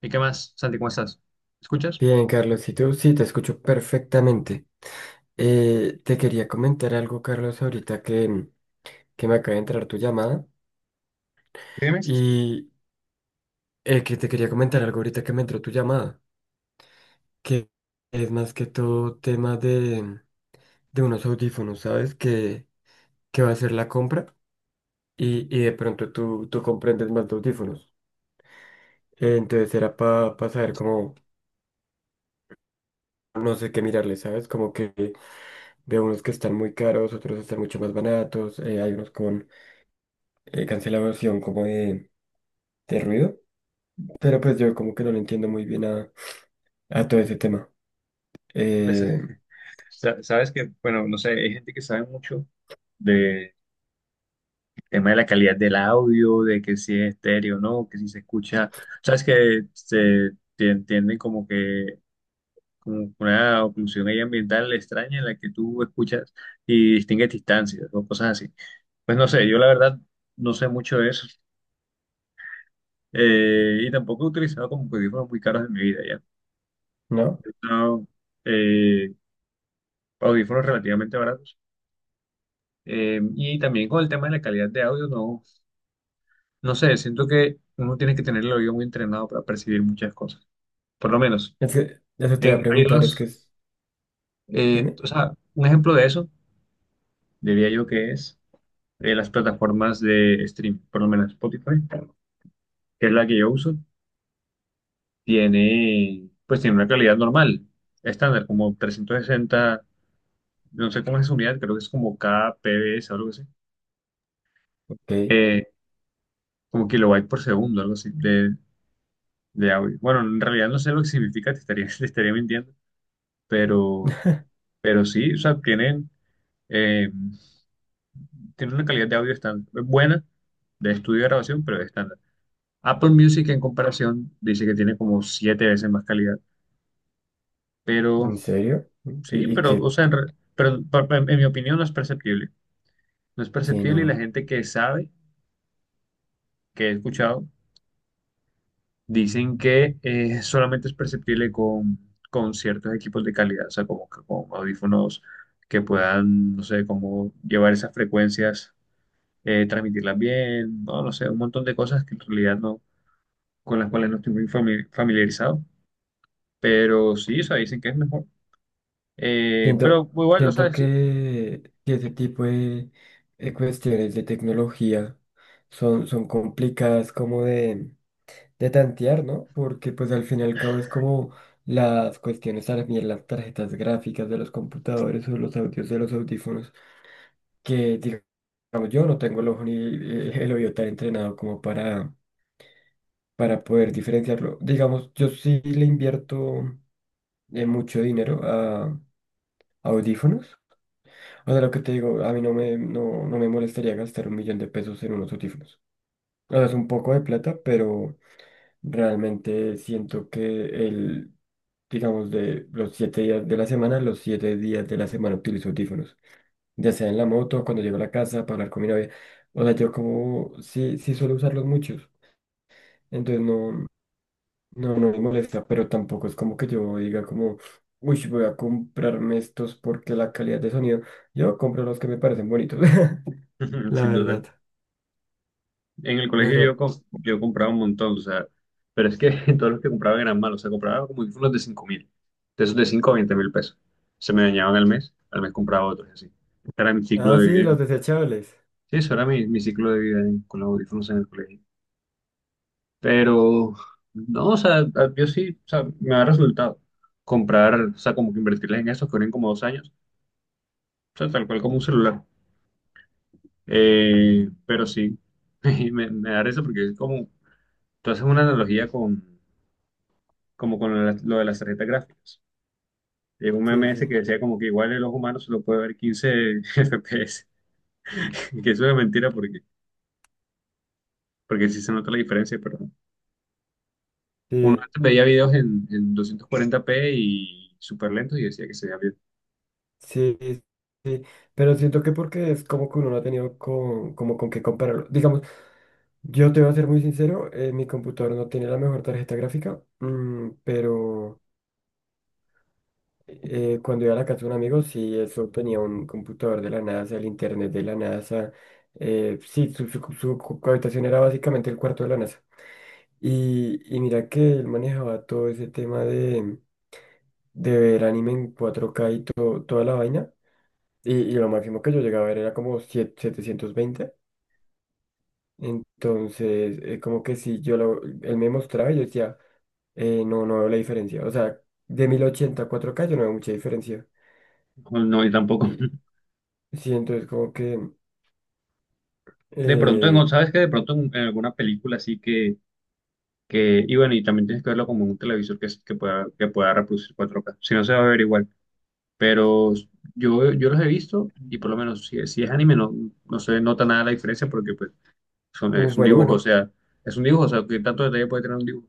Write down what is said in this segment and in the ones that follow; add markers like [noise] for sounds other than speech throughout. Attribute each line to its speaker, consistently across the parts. Speaker 1: ¿Y qué más, Santi? ¿Cómo estás? ¿Escuchas?
Speaker 2: Bien, Carlos, y tú sí, te escucho perfectamente. Te quería comentar algo, Carlos, ahorita que me acaba de entrar tu llamada.
Speaker 1: Dime,
Speaker 2: Y que te quería comentar algo ahorita que me entró tu llamada, que es más que todo tema de unos audífonos, ¿sabes? Que va a ser la compra y de pronto tú comprendes más de audífonos. Entonces era para saber cómo, no sé qué mirarle, ¿sabes? Como que veo unos que están muy caros, otros están mucho más baratos, hay unos con cancelación como de ruido, pero pues yo como que no le entiendo muy bien a todo ese tema.
Speaker 1: pues,
Speaker 2: Eh,
Speaker 1: [laughs] sabes que, bueno, no sé, hay gente que sabe mucho del tema de la calidad del audio, de que si es estéreo o no, que si se escucha, sabes que se te entienden como que como una oclusión ahí ambiental extraña en la que tú escuchas y distingues distancias o cosas así. Pues no sé, yo la verdad no sé mucho de eso, y tampoco he utilizado como audífonos muy caros en mi vida, ¿ya?
Speaker 2: no,
Speaker 1: No, eh, audífonos relativamente baratos. Y también con el tema de la calidad de audio, no, no sé, siento que uno tiene que tener el oído muy entrenado para percibir muchas cosas. Por lo menos,
Speaker 2: es que eso te voy a
Speaker 1: hay
Speaker 2: preguntar, es que es, dime,
Speaker 1: o sea, un ejemplo de eso diría yo que es, las plataformas de stream, por lo menos Spotify, que es la que yo uso, tiene, pues tiene una calidad normal, estándar, como 360, no sé cómo es esa unidad, creo que es como kbps o algo así.
Speaker 2: ok,
Speaker 1: Eh, Como kilobyte por segundo, algo así, de audio. Bueno, en realidad no sé lo que significa, te estaría, [laughs] te estaría mintiendo, pero,
Speaker 2: [laughs]
Speaker 1: pero sí, o sea, tienen, eh, tienen una calidad de audio estándar, buena, de estudio de grabación, pero estándar. Apple Music en comparación dice que tiene como siete veces más calidad, pero
Speaker 2: ¿en serio?
Speaker 1: sí,
Speaker 2: Y
Speaker 1: pero, o
Speaker 2: que,
Speaker 1: sea, en, pero, en mi opinión no es perceptible. No es
Speaker 2: sí,
Speaker 1: perceptible y la
Speaker 2: no,
Speaker 1: gente que sabe, que he escuchado, dicen que solamente es perceptible con ciertos equipos de calidad, o sea, como que con audífonos que puedan, no sé, como llevar esas frecuencias, transmitirlas bien, no, no sé, un montón de cosas que en realidad no, con las cuales no estoy muy familiarizado, pero sí, o sea, dicen que es mejor.
Speaker 2: siento,
Speaker 1: Pero igual, lo
Speaker 2: siento
Speaker 1: sabes, [laughs]
Speaker 2: que ese tipo de cuestiones de tecnología son complicadas como de tantear, ¿no? Porque pues al fin y al cabo es como las cuestiones también, las tarjetas gráficas de los computadores o los audios de los audífonos, que digamos yo no tengo el ojo ni el oído tan entrenado como para poder diferenciarlo. Digamos, yo sí le invierto mucho dinero a audífonos. O sea, lo que te digo, a mí no me molestaría gastar un millón de pesos en unos audífonos. O sea, es un poco de plata, pero... Realmente siento que el, digamos, de los 7 días de la semana, los 7 días de la semana utilizo audífonos, ya sea en la moto, cuando llego a la casa, para hablar con mi novia. O sea, yo como sí, sí suelo usarlos muchos, entonces no, no, no me molesta, pero tampoco es como que yo diga como, uy, voy a comprarme estos porque la calidad de sonido, yo compro los que me parecen bonitos, [laughs] la
Speaker 1: sin
Speaker 2: verdad,
Speaker 1: duda. En el
Speaker 2: la
Speaker 1: colegio
Speaker 2: verdad.
Speaker 1: yo, yo compraba un montón, o sea, pero es que [laughs] todos los que compraban eran malos, o sea, compraba como unos de 5 mil, de esos de 5 a 20 mil pesos. Se me dañaban al mes compraba otros, y así. Este era mi ciclo
Speaker 2: Ah,
Speaker 1: de
Speaker 2: sí,
Speaker 1: vida.
Speaker 2: los desechables,
Speaker 1: Sí, eso era mi ciclo de vida con los audífonos en el colegio. Pero, no, o sea, yo sí, o sea, me ha resultado comprar, o sea, como que invertirles en esos que duren como 2 años, o sea, tal cual como un celular. Pero sí, [laughs] me da risa porque es como, tú haces una analogía con, como con lo de las, lo de las tarjetas gráficas. Llegó un
Speaker 2: sí,
Speaker 1: meme ese
Speaker 2: sí,
Speaker 1: que decía como que igual el ojo humano solo puede ver 15 FPS, [laughs] que eso es mentira porque, porque sí se nota la diferencia, pero uno
Speaker 2: sí.
Speaker 1: antes veía videos en 240p y súper lentos y decía que se veía bien.
Speaker 2: Sí, sí, sí, pero siento que porque es como que uno no ha tenido con, como con qué compararlo. Digamos, yo te voy a ser muy sincero, mi computador no tiene la mejor tarjeta gráfica, pero cuando iba a la casa de un amigo, sí, eso tenía un computador de la NASA, el internet de la NASA, sí, su habitación era básicamente el cuarto de la NASA. Y mira que él manejaba todo ese tema de ver anime en 4K y toda la vaina. Y lo máximo que yo llegaba a ver era como 720. Entonces, como que si él me mostraba y yo decía, no, no veo la diferencia. O sea, de 1080 a 4K yo no veo mucha diferencia.
Speaker 1: No, no, y tampoco.
Speaker 2: Y
Speaker 1: [laughs]
Speaker 2: sí, entonces como que,
Speaker 1: De pronto,
Speaker 2: eh,
Speaker 1: en, ¿sabes qué? De pronto en alguna película así que, y bueno, y también tienes que verlo como en un televisor que, que pueda reproducir 4K, si no se va a ver igual, pero... Yo los he visto y por lo menos si, si es anime no, no se nota nada la diferencia porque pues
Speaker 2: uf,
Speaker 1: es un
Speaker 2: bueno,
Speaker 1: dibujo, o
Speaker 2: bueno,
Speaker 1: sea, es un dibujo, o sea, que tanto detalle puede tener un dibujo.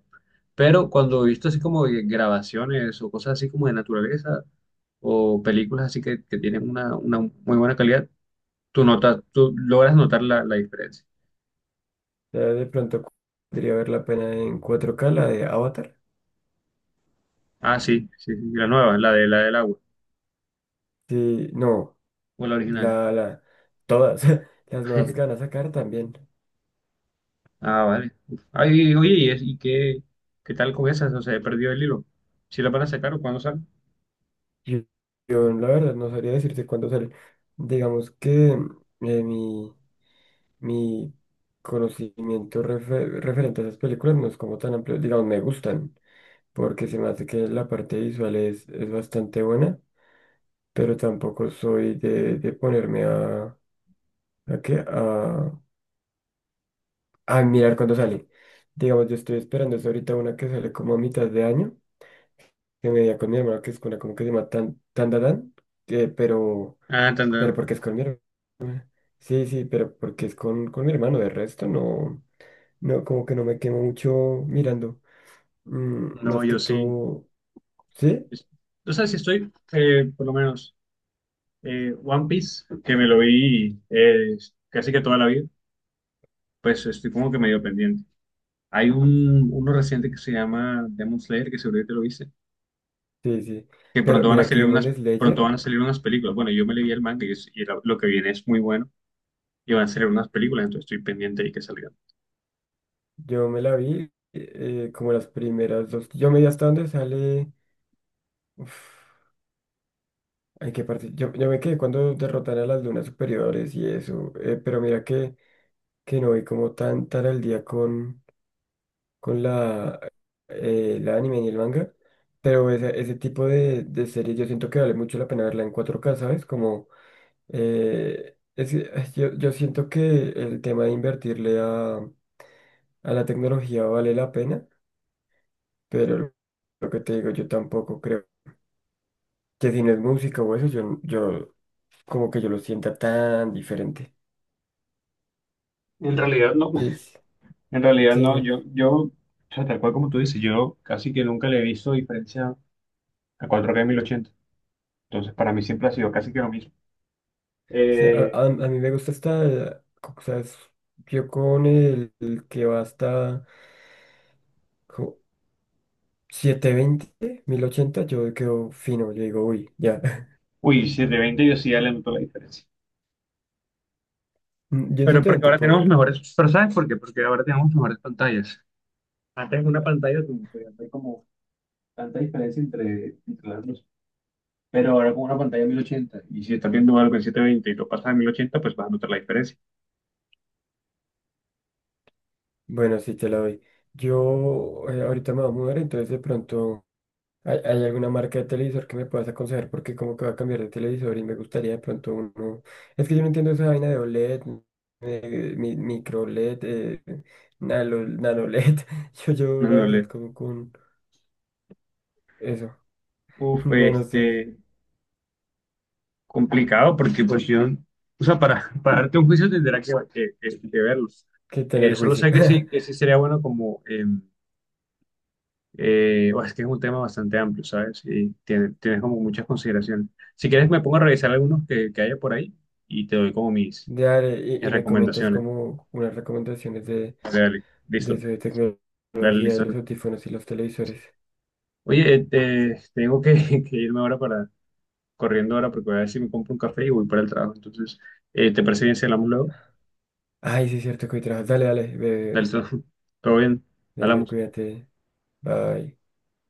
Speaker 1: Pero cuando he visto así como de grabaciones o cosas así como de naturaleza o películas así que tienen una muy buena calidad, tú notas, tú logras notar la, la diferencia.
Speaker 2: ya de pronto podría ver la pena en 4K la de Avatar.
Speaker 1: Ah, sí, sí, sí, la nueva, la de la del agua,
Speaker 2: Sí, no,
Speaker 1: o la original.
Speaker 2: la, todas, [laughs] las nuevas que van a
Speaker 1: [laughs]
Speaker 2: sacar también.
Speaker 1: Ah, vale. Uf. Ay, oye, ¿y, y qué, qué tal con esas? O sea, he perdido el hilo. ¿Si la van a sacar o cuándo sale?
Speaker 2: Yo, yo, la verdad no sabría decirte cuándo sale. Digamos que mi, mi conocimiento referente a esas películas no es como tan amplio. Digamos, me gustan, porque se me hace que la parte visual es bastante buena, pero tampoco soy de ponerme a, qué, a, a mirar cuándo sale. Digamos, yo estoy esperando es ahorita una que sale como a mitad de año, que me di con mi hermano, que es una como que se llama Tan, Tan, Tan, Tan, pero...
Speaker 1: Ah, tan,
Speaker 2: Pero
Speaker 1: tan.
Speaker 2: porque es con mi hermana. Sí, sí, pero porque es con, mi hermano. De resto, no, no, como que no me quemo mucho mirando.
Speaker 1: No,
Speaker 2: Más que
Speaker 1: yo sí.
Speaker 2: todo, sí,
Speaker 1: Es- O sea, si estoy, por lo menos. One Piece, que me lo vi, casi que toda la vida, pues estoy como que medio pendiente. Hay un, uno reciente que se llama Demon Slayer, que seguro que te lo viste,
Speaker 2: sí, sí.
Speaker 1: que
Speaker 2: Pero
Speaker 1: pronto van a
Speaker 2: mira que
Speaker 1: salir
Speaker 2: Demon
Speaker 1: unas, pronto van
Speaker 2: Slayer,
Speaker 1: a salir unas películas. Bueno, yo me leí el manga y, y lo que viene es muy bueno y van a salir unas películas, entonces estoy pendiente y que salgan.
Speaker 2: yo me la vi como las primeras dos. Yo me vi hasta donde sale. Uf, hay que partir. Yo me quedé cuando derrotan a las lunas superiores y eso. Pero mira que no vi como tan, tan al día con la anime y el manga, pero ese tipo de series yo siento que vale mucho la pena verla en 4K, ¿sabes? Como, es que, ay, yo siento que el tema de invertirle a la tecnología vale la pena, pero lo que te digo, yo tampoco creo que si no es música o eso, yo como que yo lo sienta tan diferente.
Speaker 1: En realidad no,
Speaker 2: Sí, sí,
Speaker 1: [laughs] en realidad
Speaker 2: sí,
Speaker 1: no,
Speaker 2: no.
Speaker 1: yo, o sea, tal cual como tú dices, yo casi que nunca le he visto diferencia a 4K 1080. Entonces para mí siempre ha sido casi que lo mismo.
Speaker 2: Sí, a,
Speaker 1: Eh,
Speaker 2: a- a mí me gusta esta, o sea, yo con el que va hasta... jo, 720, 1080 yo quedo fino, yo digo, uy, ya. [laughs]
Speaker 1: uy, 720 yo sí ya le noto la diferencia.
Speaker 2: Yo en
Speaker 1: Pero
Speaker 2: setecientos
Speaker 1: porque
Speaker 2: veinte
Speaker 1: ahora
Speaker 2: puedo
Speaker 1: tenemos
Speaker 2: ver.
Speaker 1: mejores, pero ¿sabes por qué? Porque ahora tenemos mejores pantallas. Antes una pantalla como podía haber como tanta diferencia entre, entre las dos. Pero ahora con una pantalla de 1080 y si estás viendo algo en 720 y lo pasas a 1080 pues vas a notar la diferencia.
Speaker 2: Bueno, sí, te la doy. Yo ahorita me voy a mudar, entonces de pronto hay alguna marca de televisor que me puedas aconsejar porque como que va a cambiar de televisor y me gustaría de pronto uno... Es que yo no entiendo esa vaina de OLED, micro LED, nano LED. [laughs] Yo
Speaker 1: No,
Speaker 2: la
Speaker 1: no
Speaker 2: verdad
Speaker 1: le...
Speaker 2: como con eso. [laughs]
Speaker 1: Uf,
Speaker 2: No, no sé
Speaker 1: este, complicado porque pues yo, o sea, para darte un juicio tendrá que, que verlos.
Speaker 2: qué tener
Speaker 1: Solo
Speaker 2: juicio.
Speaker 1: sé
Speaker 2: [laughs]
Speaker 1: que sí sería bueno como... em, O es que es un tema bastante amplio, ¿sabes? Y tienes como muchas consideraciones. Si quieres, me pongo a revisar algunos que haya por ahí y te doy como mis,
Speaker 2: Dale, y,
Speaker 1: mis
Speaker 2: y me comentas
Speaker 1: recomendaciones.
Speaker 2: como unas recomendaciones de,
Speaker 1: Dale, dale,
Speaker 2: de
Speaker 1: listo.
Speaker 2: eso de
Speaker 1: Dale,
Speaker 2: tecnología, de
Speaker 1: listo.
Speaker 2: los audífonos y los televisores.
Speaker 1: Sí. Oye, tengo que, [laughs] que irme ahora para, corriendo ahora porque voy a ver si me compro un café y voy para el trabajo. Entonces, ¿te parece bien si hablamos luego?
Speaker 2: Ay, sí, es cierto que hoy trabajas. Dale, dale,
Speaker 1: Dale,
Speaker 2: bebé.
Speaker 1: listo. [laughs] Todo bien,
Speaker 2: Dale,
Speaker 1: hablamos.
Speaker 2: cuídate. Bye.